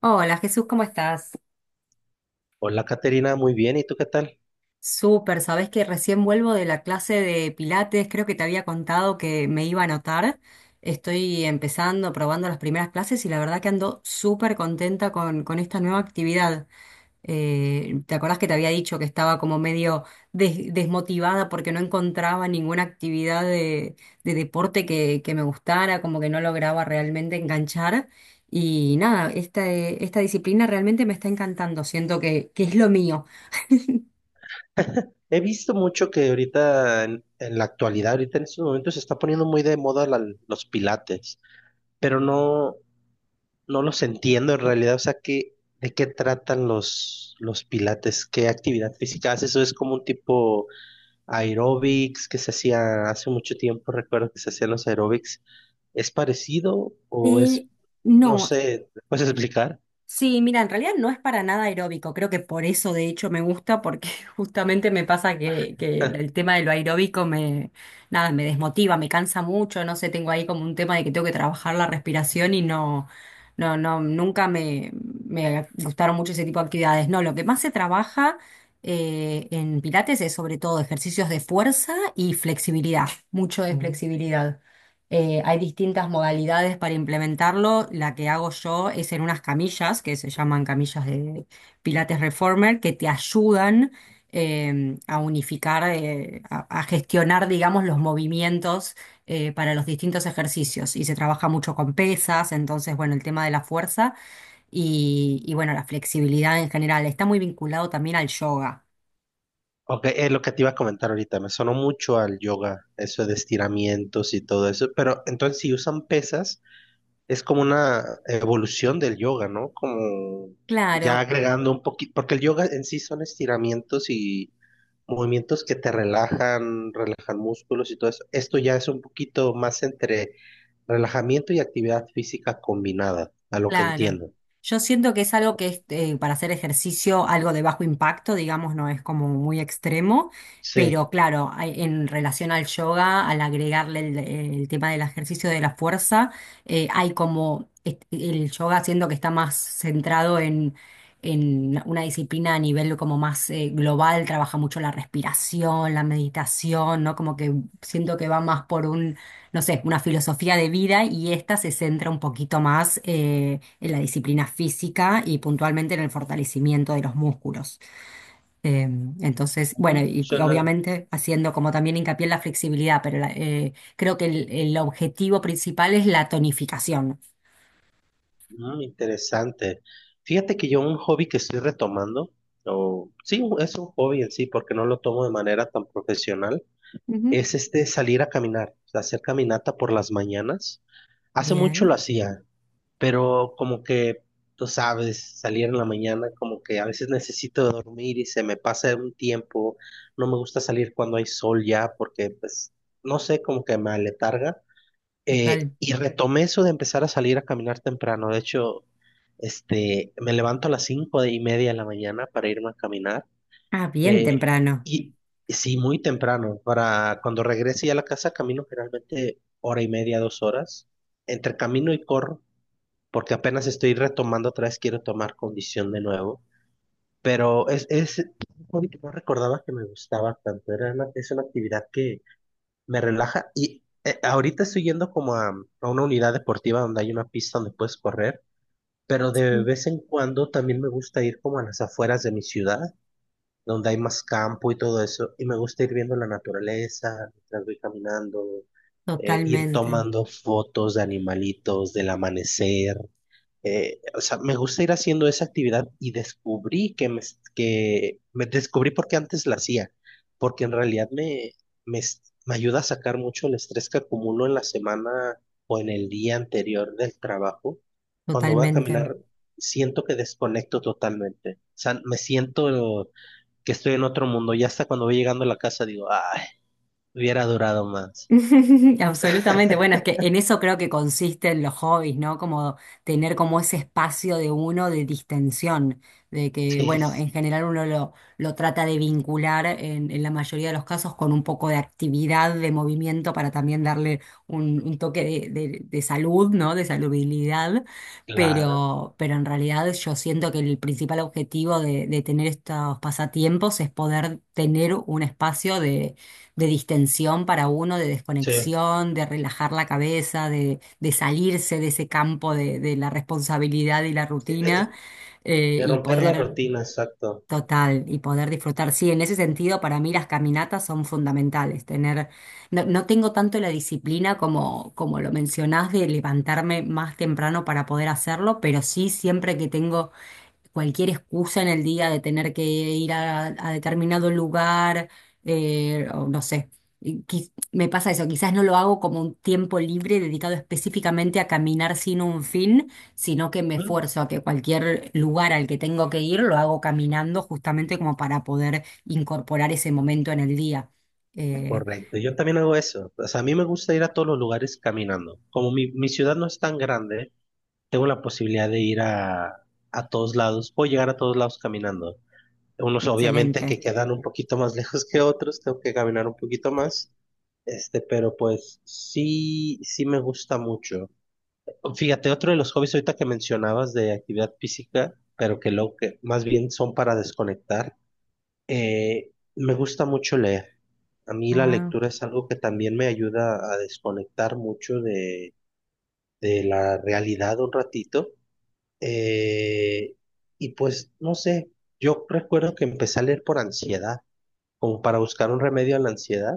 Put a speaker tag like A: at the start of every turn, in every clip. A: Hola Jesús, ¿cómo estás?
B: Hola, Caterina, muy bien. ¿Y tú qué tal?
A: Súper, sabés que recién vuelvo de la clase de Pilates, creo que te había contado que me iba a anotar. Estoy empezando, probando las primeras clases y la verdad que ando súper contenta con esta nueva actividad. ¿Te acordás que te había dicho que estaba como medio desmotivada porque no encontraba ninguna actividad de deporte que me gustara, como que no lograba realmente enganchar? Y nada, esta disciplina realmente me está encantando, siento que es lo mío.
B: He visto mucho que ahorita, en la actualidad, ahorita en estos momentos, se está poniendo muy de moda los Pilates, pero no, no los entiendo en realidad. O sea, de qué tratan los Pilates? ¿Qué actividad física haces? ¿Eso es como un tipo aeróbics que se hacía hace mucho tiempo? Recuerdo que se hacían los aeróbics. ¿Es parecido
A: Eh,
B: no
A: no,
B: sé, puedes explicar?
A: sí, mira, en realidad no es para nada aeróbico, creo que por eso de hecho me gusta, porque justamente me pasa que el tema de lo aeróbico me, nada, me desmotiva, me cansa mucho, no sé, tengo ahí como un tema de que tengo que trabajar la respiración y no, nunca me gustaron mucho ese tipo de actividades. No, lo que más se trabaja en Pilates es sobre todo ejercicios de fuerza y flexibilidad, mucho de Mm. flexibilidad. Hay distintas modalidades para implementarlo. La que hago yo es en unas camillas, que se llaman camillas de Pilates Reformer, que te ayudan a unificar, a gestionar, digamos, los movimientos para los distintos ejercicios. Y se trabaja mucho con pesas, entonces, bueno, el tema de la fuerza y, bueno, la flexibilidad en general. Está muy vinculado también al yoga.
B: Ok, es lo que te iba a comentar ahorita, me sonó mucho al yoga, eso de estiramientos y todo eso, pero entonces si usan pesas, es como una evolución del yoga, ¿no? Como ya
A: Claro,
B: agregando un poquito, porque el yoga en sí son estiramientos y movimientos que te relajan, relajan músculos y todo eso. Esto ya es un poquito más entre relajamiento y actividad física combinada, a lo que
A: Claro.
B: entiendo.
A: Yo siento que es algo que es para hacer ejercicio, algo de bajo impacto, digamos, no es como muy extremo,
B: Sí.
A: pero claro, en relación al yoga, al agregarle el tema del ejercicio de la fuerza, hay como el yoga siendo que está más centrado en una disciplina a nivel como más global, trabaja mucho la respiración, la meditación, ¿no? Como que siento que va más por un no sé, una filosofía de vida y esta se centra un poquito más en la disciplina física y puntualmente en el fortalecimiento de los músculos. Eh, entonces, bueno,
B: Ujú.
A: y
B: Suena,
A: obviamente haciendo como también hincapié en la flexibilidad, pero creo que el objetivo principal es la tonificación.
B: Interesante. Fíjate que yo un hobby que estoy retomando, o sí, es un hobby en sí, porque no lo tomo de manera tan profesional,
A: Ujú.
B: es este salir a caminar, o sea, hacer caminata por las mañanas. Hace mucho lo
A: Bien,
B: hacía, pero como que, tú sabes, salir en la mañana, como que a veces necesito dormir y se me pasa un tiempo. No me gusta salir cuando hay sol ya, porque pues, no sé, como que me aletarga. Eh,
A: total.
B: y retomé eso de empezar a salir a caminar temprano. De hecho, este, me levanto a las 5:30 de la mañana para irme a caminar.
A: Ah, bien
B: Eh,
A: temprano.
B: y y sí, muy temprano. Para cuando regrese ya a la casa, camino generalmente hora y media, 2 horas. Entre camino y corro, porque apenas estoy retomando otra vez, quiero tomar condición de nuevo. Pero es un hobby que no recordaba que me gustaba tanto. Es una actividad que me relaja. Y ahorita estoy yendo como a una unidad deportiva donde hay una pista donde puedes correr, pero de vez en cuando también me gusta ir como a las afueras de mi ciudad, donde hay más campo y todo eso, y me gusta ir viendo la naturaleza mientras voy caminando, ir
A: Totalmente,
B: tomando fotos de animalitos, del amanecer, o sea, me gusta ir haciendo esa actividad y descubrí que me descubrí porque antes la hacía, porque en realidad me, me ayuda a sacar mucho el estrés que acumulo en la semana o en el día anterior del trabajo. Cuando voy a
A: totalmente.
B: caminar, siento que desconecto totalmente. O sea, me siento que estoy en otro mundo. Y hasta cuando voy llegando a la casa digo, ay, hubiera durado más.
A: Absolutamente, bueno, es que en eso creo que consisten los hobbies, ¿no? Como tener como ese espacio de uno de distensión, de que,
B: Sí,
A: bueno, en general uno lo trata de vincular en la mayoría de los casos con un poco de actividad, de movimiento para también darle un toque de salud, ¿no? De saludabilidad,
B: claro.
A: pero en realidad yo siento que el principal objetivo de tener estos pasatiempos es poder tener un espacio de distensión para uno, de
B: Sí.
A: desconexión, de relajar la cabeza, de salirse de ese campo de la responsabilidad y la rutina
B: De- de
A: y
B: romper la
A: poder
B: rutina, exacto.
A: total y poder disfrutar. Sí, en ese sentido para mí las caminatas son fundamentales. Tener, no, no tengo tanto la disciplina como, como lo mencionás de levantarme más temprano para poder hacerlo, pero sí siempre que tengo cualquier excusa en el día de tener que ir a determinado lugar, o no sé. Me pasa eso, quizás no lo hago como un tiempo libre dedicado específicamente a caminar sin un fin, sino que me esfuerzo a que cualquier lugar al que tengo que ir lo hago caminando justamente como para poder incorporar ese momento en el día. Eh,
B: Correcto, yo también hago eso. O sea, a mí me gusta ir a todos los lugares caminando. Como mi ciudad no es tan grande, tengo la posibilidad de ir a todos lados. Puedo llegar a todos lados caminando. Unos obviamente
A: excelente.
B: que quedan un poquito más lejos que otros, tengo que caminar un poquito más. Este, pero pues sí, sí me gusta mucho. Fíjate, otro de los hobbies ahorita que mencionabas de actividad física, pero que lo que más bien son para desconectar. Eh, me gusta mucho leer. A mí la
A: Ah.
B: lectura es algo que también me ayuda a desconectar mucho de la realidad un ratito. Eh, y pues, no sé, yo recuerdo que empecé a leer por ansiedad, como para buscar un remedio a la ansiedad.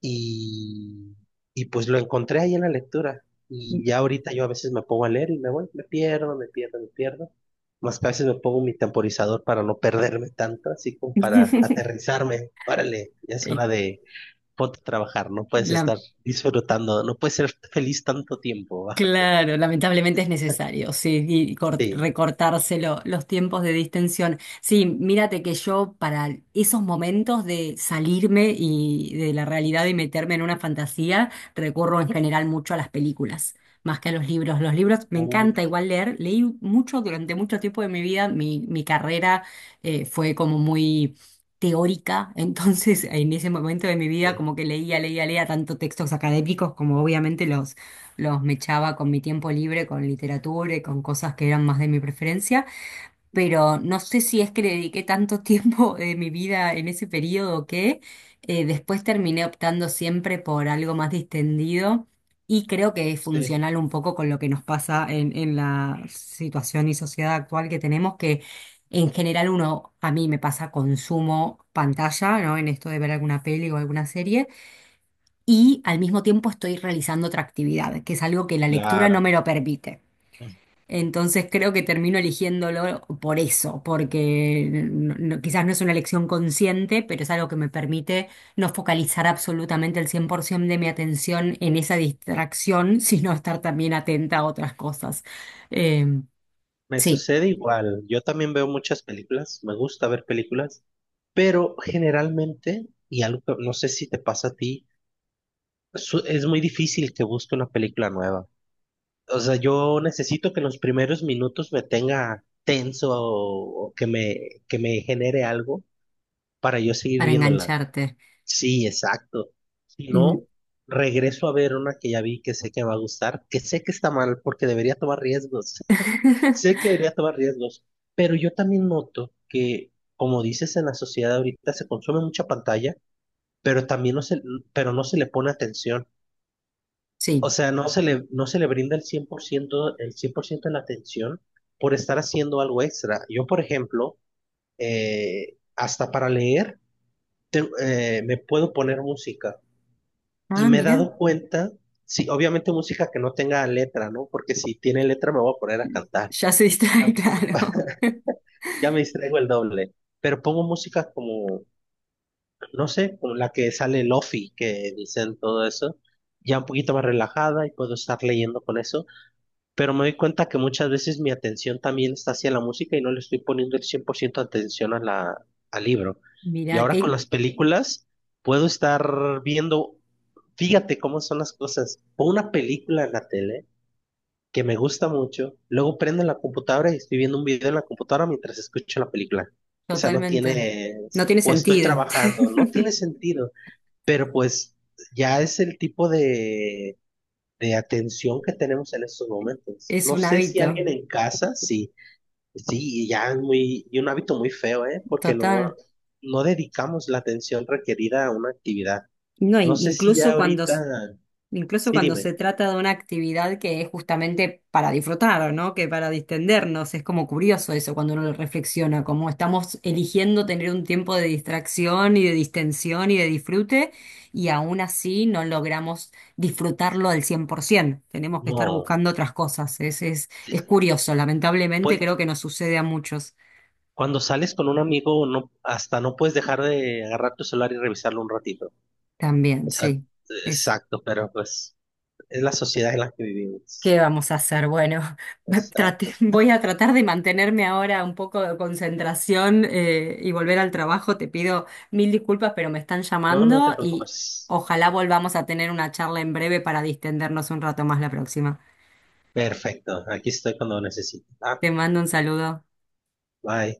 B: Y, y pues lo encontré ahí en la lectura. Y ya ahorita yo a veces me pongo a leer y me voy, me pierdo, me pierdo, me pierdo. Más que a veces me pongo mi temporizador para no perderme tanto, así como para aterrizarme. Órale, ya es hora de ponte a trabajar, no puedes
A: La-
B: estar disfrutando, no puedes ser feliz tanto tiempo, bájate.
A: Claro, lamentablemente es necesario, sí, y
B: Sí,
A: recortarse los tiempos de distensión. Sí, mírate que yo para esos momentos de salirme y de la realidad y meterme en una fantasía, recurro en general mucho a las películas, más que a los libros. Los libros me encanta
B: uf,
A: igual leer, leí mucho durante mucho tiempo de mi vida, mi carrera fue como muy teórica, entonces en ese momento de mi vida
B: sí,
A: como que leía tanto textos académicos como obviamente los mechaba con mi tiempo libre, con literatura y con cosas que eran más de mi preferencia, pero no sé si es que le dediqué tanto tiempo de mi vida en ese periodo que después terminé optando siempre por algo más distendido y creo que es
B: sí.
A: funcional un poco con lo que nos pasa en la situación y sociedad actual que tenemos, que en general uno, a mí me pasa consumo pantalla, ¿no? En esto de ver alguna peli o alguna serie y al mismo tiempo estoy realizando otra actividad, que es algo que la lectura no me lo permite. Entonces creo que termino eligiéndolo por eso, porque quizás no es una elección consciente, pero es algo que me permite no focalizar absolutamente el 100% de mi atención en esa distracción, sino estar también atenta a otras cosas. Em,
B: Me
A: sí,
B: sucede igual. Yo también veo muchas películas, me gusta ver películas, pero generalmente, y algo que no sé si te pasa a ti, es muy difícil que busque una película nueva. O sea, yo necesito que en los primeros minutos me tenga tenso o que me genere algo para yo seguir
A: para
B: viéndola.
A: engancharte.
B: Sí, exacto. Si
A: Mm.
B: no, regreso a ver una que ya vi que sé que me va a gustar, que sé que está mal porque debería tomar riesgos. Sé que debería tomar riesgos, pero yo también noto que, como dices, en la sociedad ahorita se consume mucha pantalla, pero también no se, pero no se le pone atención.
A: Sí.
B: O sea, no se le brinda el cien por ciento de la atención por estar haciendo algo extra. Yo, por ejemplo, hasta para leer, me puedo poner música y
A: Ah,
B: me he
A: mira,
B: dado cuenta, sí, obviamente música que no tenga letra, ¿no? Porque si tiene letra me voy a poner a cantar.
A: ya se distrae,
B: Ya, po-
A: claro.
B: ya me distraigo el doble. Pero pongo música como, no sé, como la que sale Lofi, que dicen todo eso, ya un poquito más relajada y puedo estar leyendo con eso. Pero me doy cuenta que muchas veces mi atención también está hacia la música y no le estoy poniendo el 100% atención al libro. Y
A: Mira,
B: ahora con
A: qué,
B: las películas puedo estar viendo, fíjate cómo son las cosas, pongo una película en la tele que me gusta mucho, luego prendo la computadora y estoy viendo un video en la computadora mientras escucho la película. O sea, no
A: totalmente.
B: tiene,
A: No tiene
B: o estoy
A: sentido.
B: trabajando, no tiene sentido, pero pues ya es el tipo de atención que tenemos en estos momentos.
A: Es
B: No
A: un
B: sé si
A: hábito,
B: alguien en casa, sí, sí, y un hábito muy feo, ¿eh? Porque no,
A: total.
B: no dedicamos la atención requerida a una actividad.
A: No,
B: No sé si ya
A: incluso
B: ahorita,
A: incluso
B: sí,
A: cuando
B: dime,
A: se trata de una actividad que es justamente para disfrutar, ¿no? Que para distendernos. Es como curioso eso cuando uno lo reflexiona, como estamos eligiendo tener un tiempo de distracción y de distensión y de disfrute, y aún así no logramos disfrutarlo al 100%. Tenemos que estar
B: no,
A: buscando otras cosas.
B: sí,
A: Es curioso. Lamentablemente
B: pues
A: creo que nos sucede a muchos.
B: cuando sales con un amigo, no, hasta no puedes dejar de agarrar tu celular y revisarlo un ratito.
A: También,
B: O sea,
A: sí. Es,
B: exacto, pero pues es la sociedad en la que vivimos.
A: ¿qué vamos a hacer? Bueno,
B: Exacto.
A: voy a tratar de mantenerme ahora un poco de concentración y volver al trabajo. Te pido mil disculpas, pero me están
B: No, no te
A: llamando y
B: preocupes.
A: ojalá volvamos a tener una charla en breve para distendernos un rato más la próxima.
B: Perfecto, aquí estoy cuando necesito. Ah,
A: Te mando un saludo.
B: bye